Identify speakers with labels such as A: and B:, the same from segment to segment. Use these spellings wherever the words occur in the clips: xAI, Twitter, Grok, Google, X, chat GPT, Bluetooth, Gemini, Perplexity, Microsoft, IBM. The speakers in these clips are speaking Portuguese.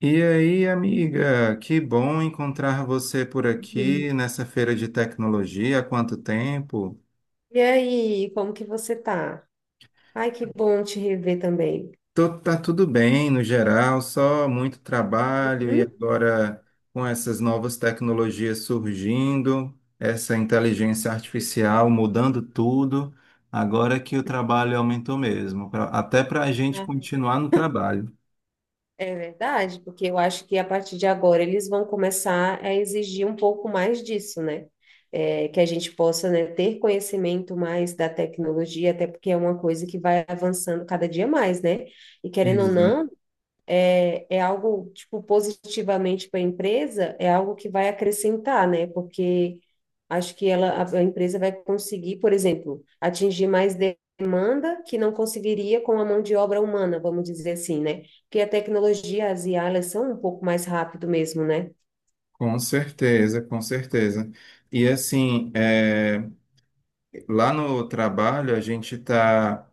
A: E aí, amiga, que bom encontrar você por
B: Uhum.
A: aqui nessa feira de tecnologia. Há quanto tempo?
B: E aí, como que você tá? Ai, que bom te rever também.
A: Tá tudo bem no geral, só muito trabalho e
B: Hum?
A: agora com essas novas tecnologias surgindo, essa inteligência artificial mudando tudo, agora que o trabalho aumentou mesmo, até para a gente
B: Ah,
A: continuar no trabalho.
B: é verdade, porque eu acho que a partir de agora eles vão começar a exigir um pouco mais disso, né? É, que a gente possa, né, ter conhecimento mais da tecnologia, até porque é uma coisa que vai avançando cada dia mais, né? E querendo ou
A: Exato.
B: não, é algo, tipo, positivamente para a empresa, é algo que vai acrescentar, né? Porque acho que ela, a empresa vai conseguir, por exemplo, atingir mais demanda que não conseguiria com a mão de obra humana, vamos dizer assim, né? Porque a tecnologia, as IA, elas são um pouco mais rápido mesmo, né?
A: Com certeza, com certeza. E assim, lá no trabalho, a gente está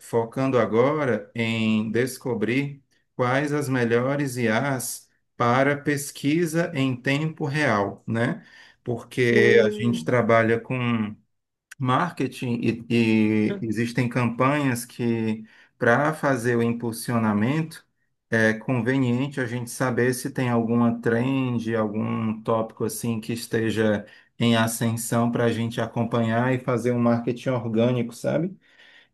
A: focando agora em descobrir quais as melhores IAs para pesquisa em tempo real, né? Porque a gente
B: Hum,
A: trabalha com marketing e existem campanhas que, para fazer o impulsionamento, é conveniente a gente saber se tem alguma trend, algum tópico assim que esteja em ascensão para a gente acompanhar e fazer um marketing orgânico, sabe?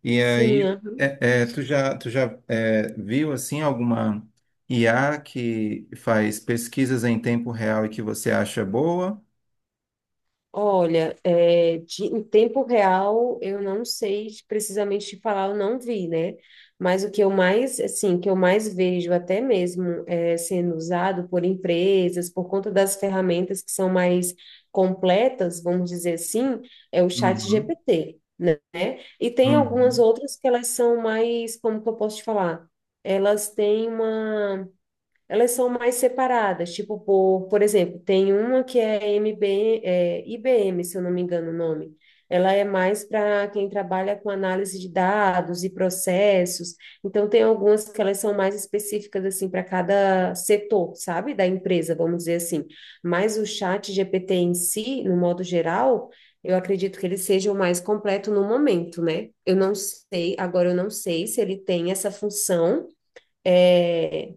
A: E
B: sim,
A: aí,
B: aham.
A: tu já, viu assim alguma IA que faz pesquisas em tempo real e que você acha boa?
B: Olha, é, em tempo real, eu não sei precisamente te falar, eu não vi, né? Mas o que eu mais, assim, que eu mais vejo até mesmo é, sendo usado por empresas, por conta das ferramentas que são mais completas, vamos dizer assim, é o chat
A: Uhum,
B: GPT, né? E tem algumas
A: uhum,
B: outras que elas são mais, como que eu posso te falar? Elas têm uma, elas são mais separadas, tipo, por exemplo, tem uma que é, MB, é IBM, se eu não me engano o nome. Ela é mais para quem trabalha com análise de dados e processos. Então, tem algumas que elas são mais específicas, assim, para cada setor, sabe? Da empresa, vamos dizer assim. Mas o chat GPT em si, no modo geral, eu acredito que ele seja o mais completo no momento, né? Eu não sei, agora eu não sei se ele tem essa função, é,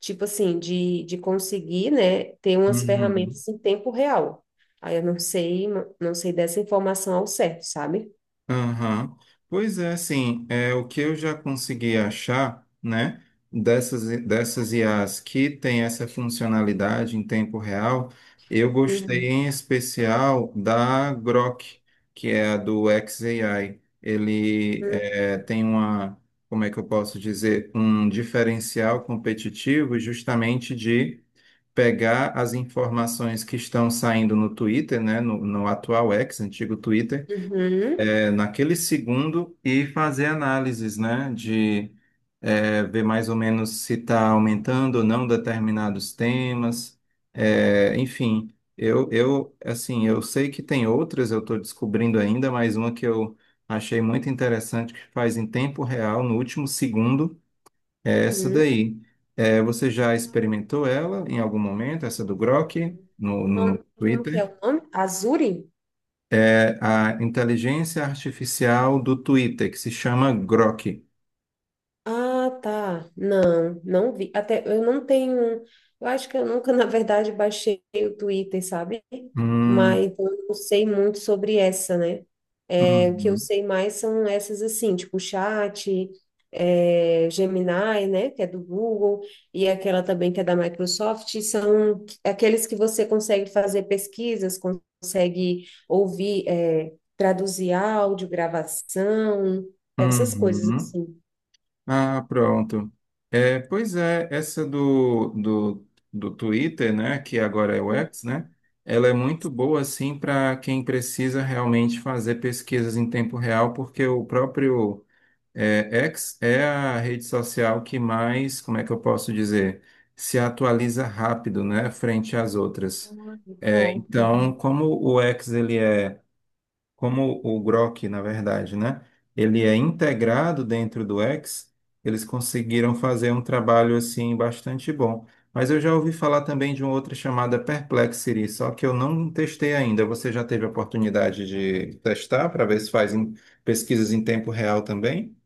B: tipo assim, de, conseguir, né, ter umas
A: uhum.
B: ferramentas em tempo real. Aí eu não sei, não sei dessa informação ao certo, sabe?
A: Aham. Pois é, assim, é, o que eu já consegui achar, né, dessas IAs que tem essa funcionalidade em tempo real, eu gostei
B: Uhum.
A: em especial da Grok, que é a do xAI. Ele é, tem uma, como é que eu posso dizer, um diferencial competitivo justamente de pegar as informações que estão saindo no Twitter, né, no atual X, antigo Twitter,
B: Uhum.
A: é, naquele segundo e fazer análises, né, de ver mais ou menos se está aumentando ou não determinados temas. Enfim, assim, eu sei que tem outras, eu estou descobrindo ainda, mas uma que eu achei muito interessante, que faz em tempo real, no último segundo, é essa
B: Uhum.
A: daí. Você já experimentou ela em algum momento, essa do Grok, no,
B: O
A: no no
B: nome, como que é
A: Twitter?
B: o nome? Azuri?
A: A inteligência artificial do Twitter, que se chama Grok.
B: Ah, tá. Não, não vi. Até eu não tenho. Eu acho que eu nunca, na verdade, baixei o Twitter, sabe?
A: Hum,
B: Mas então, eu não sei muito sobre essa, né? É, o que eu
A: uhum,
B: sei mais são essas assim, tipo chat, é, Gemini, né, que é do Google, e aquela também que é da Microsoft, são aqueles que você consegue fazer pesquisas, consegue ouvir, é, traduzir áudio, gravação, essas coisas
A: uhum.
B: assim.
A: Ah, pronto. É, pois é, essa do Twitter, né, que agora é o
B: Uhum.
A: X, né, ela é muito boa, assim, para quem precisa realmente fazer pesquisas em tempo real, porque o próprio É, X é a rede social que mais, como é que eu posso dizer, se atualiza rápido, né, frente às outras.
B: Ah,
A: É,
B: legal.
A: então,
B: Uhum.
A: como o X ele é, como o Grok, na verdade, né, ele é integrado dentro do X, eles conseguiram fazer um trabalho assim bastante bom. Mas eu já ouvi falar também de uma outra chamada Perplexity, só que eu não testei ainda. Você já teve a oportunidade de testar para ver se faz pesquisas em tempo real também?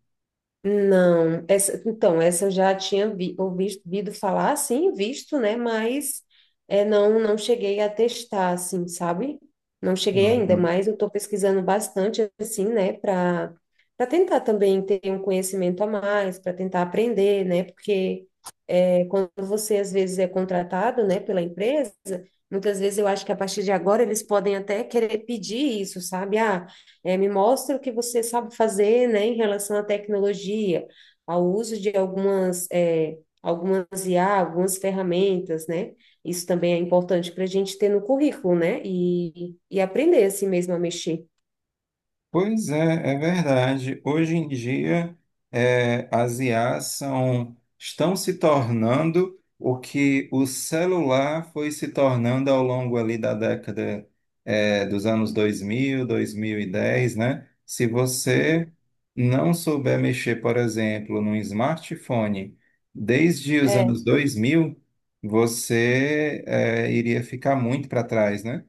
B: Não, essa, então, essa eu já tinha ouvido falar, sim, visto, né? Mas é, não, não cheguei a testar, assim, sabe? Não cheguei ainda,
A: Uhum.
B: mas eu estou pesquisando bastante, assim, né? Para tentar também ter um conhecimento a mais, para tentar aprender, né? Porque é, quando você às vezes é contratado, né, pela empresa, muitas vezes eu acho que a partir de agora eles podem até querer pedir isso, sabe? Ah, é, me mostra o que você sabe fazer, né, em relação à tecnologia, ao uso de algumas, é, algumas IA, algumas ferramentas, né? Isso também é importante para a gente ter no currículo, né? E aprender assim mesmo a mexer.
A: Pois é, é verdade. Hoje em dia, é, as IAs são, estão se tornando o que o celular foi se tornando ao longo ali da década, é, dos anos 2000, 2010, né? Se você não souber mexer, por exemplo, num smartphone desde os
B: É.
A: anos 2000, você, é, iria ficar muito para trás, né?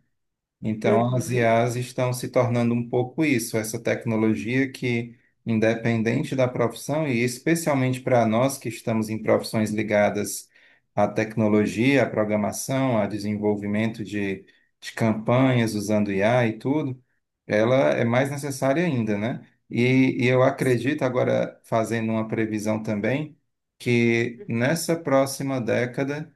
A: Então, as
B: Uhum.
A: IAs estão se tornando um pouco isso, essa tecnologia que, independente da profissão, e especialmente para nós que estamos em profissões ligadas à tecnologia, à programação, ao desenvolvimento de campanhas usando IA e tudo, ela é mais necessária ainda, né? E eu acredito, agora fazendo uma previsão também, que
B: Uhum.
A: nessa próxima década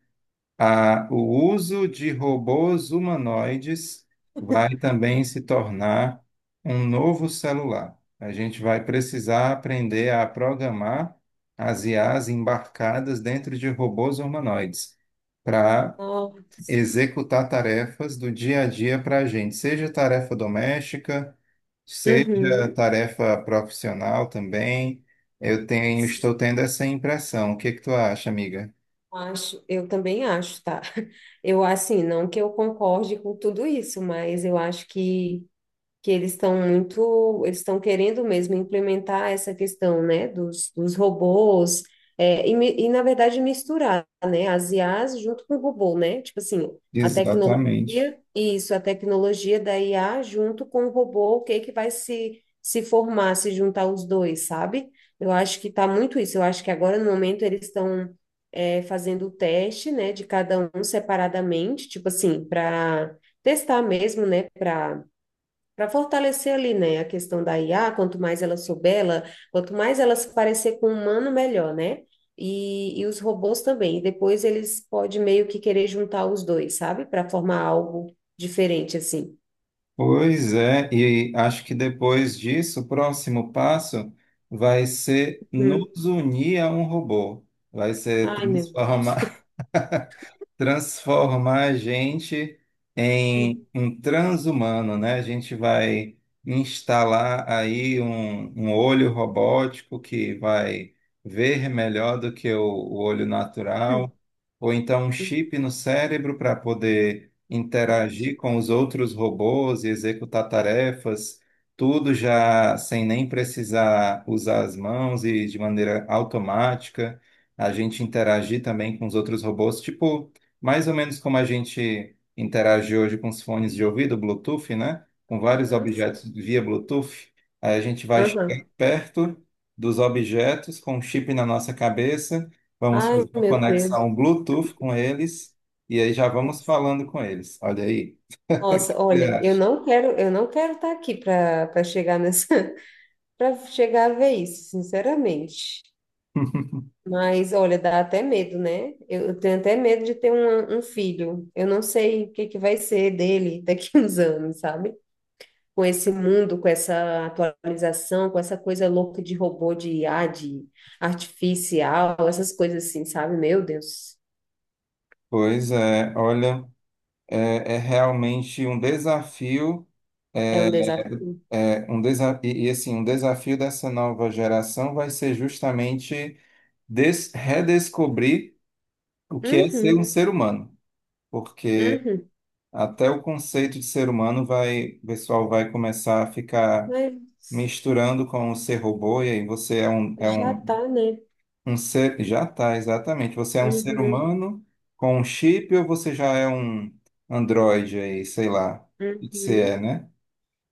A: o uso de robôs humanoides vai também se tornar um novo celular. A gente vai precisar aprender a programar as I as embarcadas dentro de robôs humanoides para
B: Nossa.
A: executar tarefas do dia a dia para a gente, seja tarefa doméstica, seja
B: Uhum.
A: tarefa profissional também. Estou tendo essa impressão. O que que tu acha, amiga?
B: Acho, eu também acho, tá? Eu, assim, não que eu concorde com tudo isso, mas eu acho que eles estão muito, eles estão querendo mesmo implementar essa questão, né, dos, robôs, é, e na verdade misturar, né, as IAs junto com o robô, né, tipo assim, a
A: Exatamente.
B: tecnologia, isso, a tecnologia da IA junto com o robô, o que que vai se, se formar, se juntar os dois, sabe? Eu acho que tá muito isso, eu acho que agora no momento eles estão é, fazendo o teste, né, de cada um separadamente, tipo assim, para testar mesmo, né, para fortalecer ali, né, a questão da IA, quanto mais ela souber, ela, quanto mais ela se parecer com o humano, melhor, né? E os robôs também. E depois eles podem meio que querer juntar os dois, sabe? Para formar algo diferente, assim.
A: Pois é, e acho que depois disso, o próximo passo vai ser
B: Hum.
A: nos unir a um robô. Vai ser
B: Ai, meu Deus.
A: transformar a gente em um transhumano, né? A gente vai instalar aí um olho robótico que vai ver melhor do que o olho
B: Hum,
A: natural, ou então um
B: hum,
A: chip no cérebro para poder
B: verdade.
A: interagir com os outros robôs e executar tarefas. Tudo já sem nem precisar usar as mãos e de maneira automática, a gente interagir também com os outros robôs, tipo mais ou menos como a gente interage hoje com os fones de ouvido, Bluetooth, né? Com vários
B: Aham,
A: objetos
B: sim.
A: via Bluetooth, aí a gente vai chegar
B: Aham.
A: perto dos objetos com um chip na nossa cabeça, vamos
B: Ai,
A: fazer uma
B: meu Deus.
A: conexão Bluetooth com eles e aí já vamos falando com eles. Olha aí, o
B: Nossa,
A: que você
B: olha,
A: acha?
B: eu não quero estar aqui para chegar nessa, para chegar a ver isso, sinceramente. Mas, olha, dá até medo, né? Eu tenho até medo de ter um, um filho. Eu não sei o que que vai ser dele daqui uns anos, sabe? Com esse mundo, com essa atualização, com essa coisa louca de robô, de IA, de artificial, essas coisas assim, sabe? Meu Deus,
A: Pois é, olha, é, é realmente um desafio,
B: é um desafio.
A: é, um desa e, assim, um desafio dessa nova geração vai ser justamente redescobrir o que é ser
B: Uhum,
A: um ser humano, porque
B: uhum.
A: até o conceito de ser humano vai, o pessoal vai começar a ficar
B: Mas
A: misturando com o ser robô, e aí você é
B: já
A: um,
B: tá, né?
A: um ser, já tá, exatamente, você é um ser
B: Uhum,
A: humano com um chip ou você já é um androide aí, sei lá, o que você é,
B: uhum.
A: né?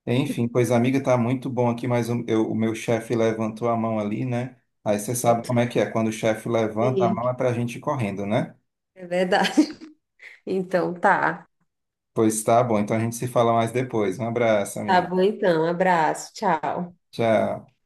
A: Enfim, pois amiga, tá muito bom aqui, mas o, o meu chefe levantou a mão ali, né? Aí você
B: Oh, meu
A: sabe como é
B: Deus.
A: que é, quando o chefe levanta a
B: Sim,
A: mão é pra gente ir correndo, né?
B: é verdade. Então, tá.
A: Pois tá bom, então a gente se fala mais depois. Um abraço,
B: Tá
A: amigo.
B: bom, então. Abraço. Tchau.
A: Tchau.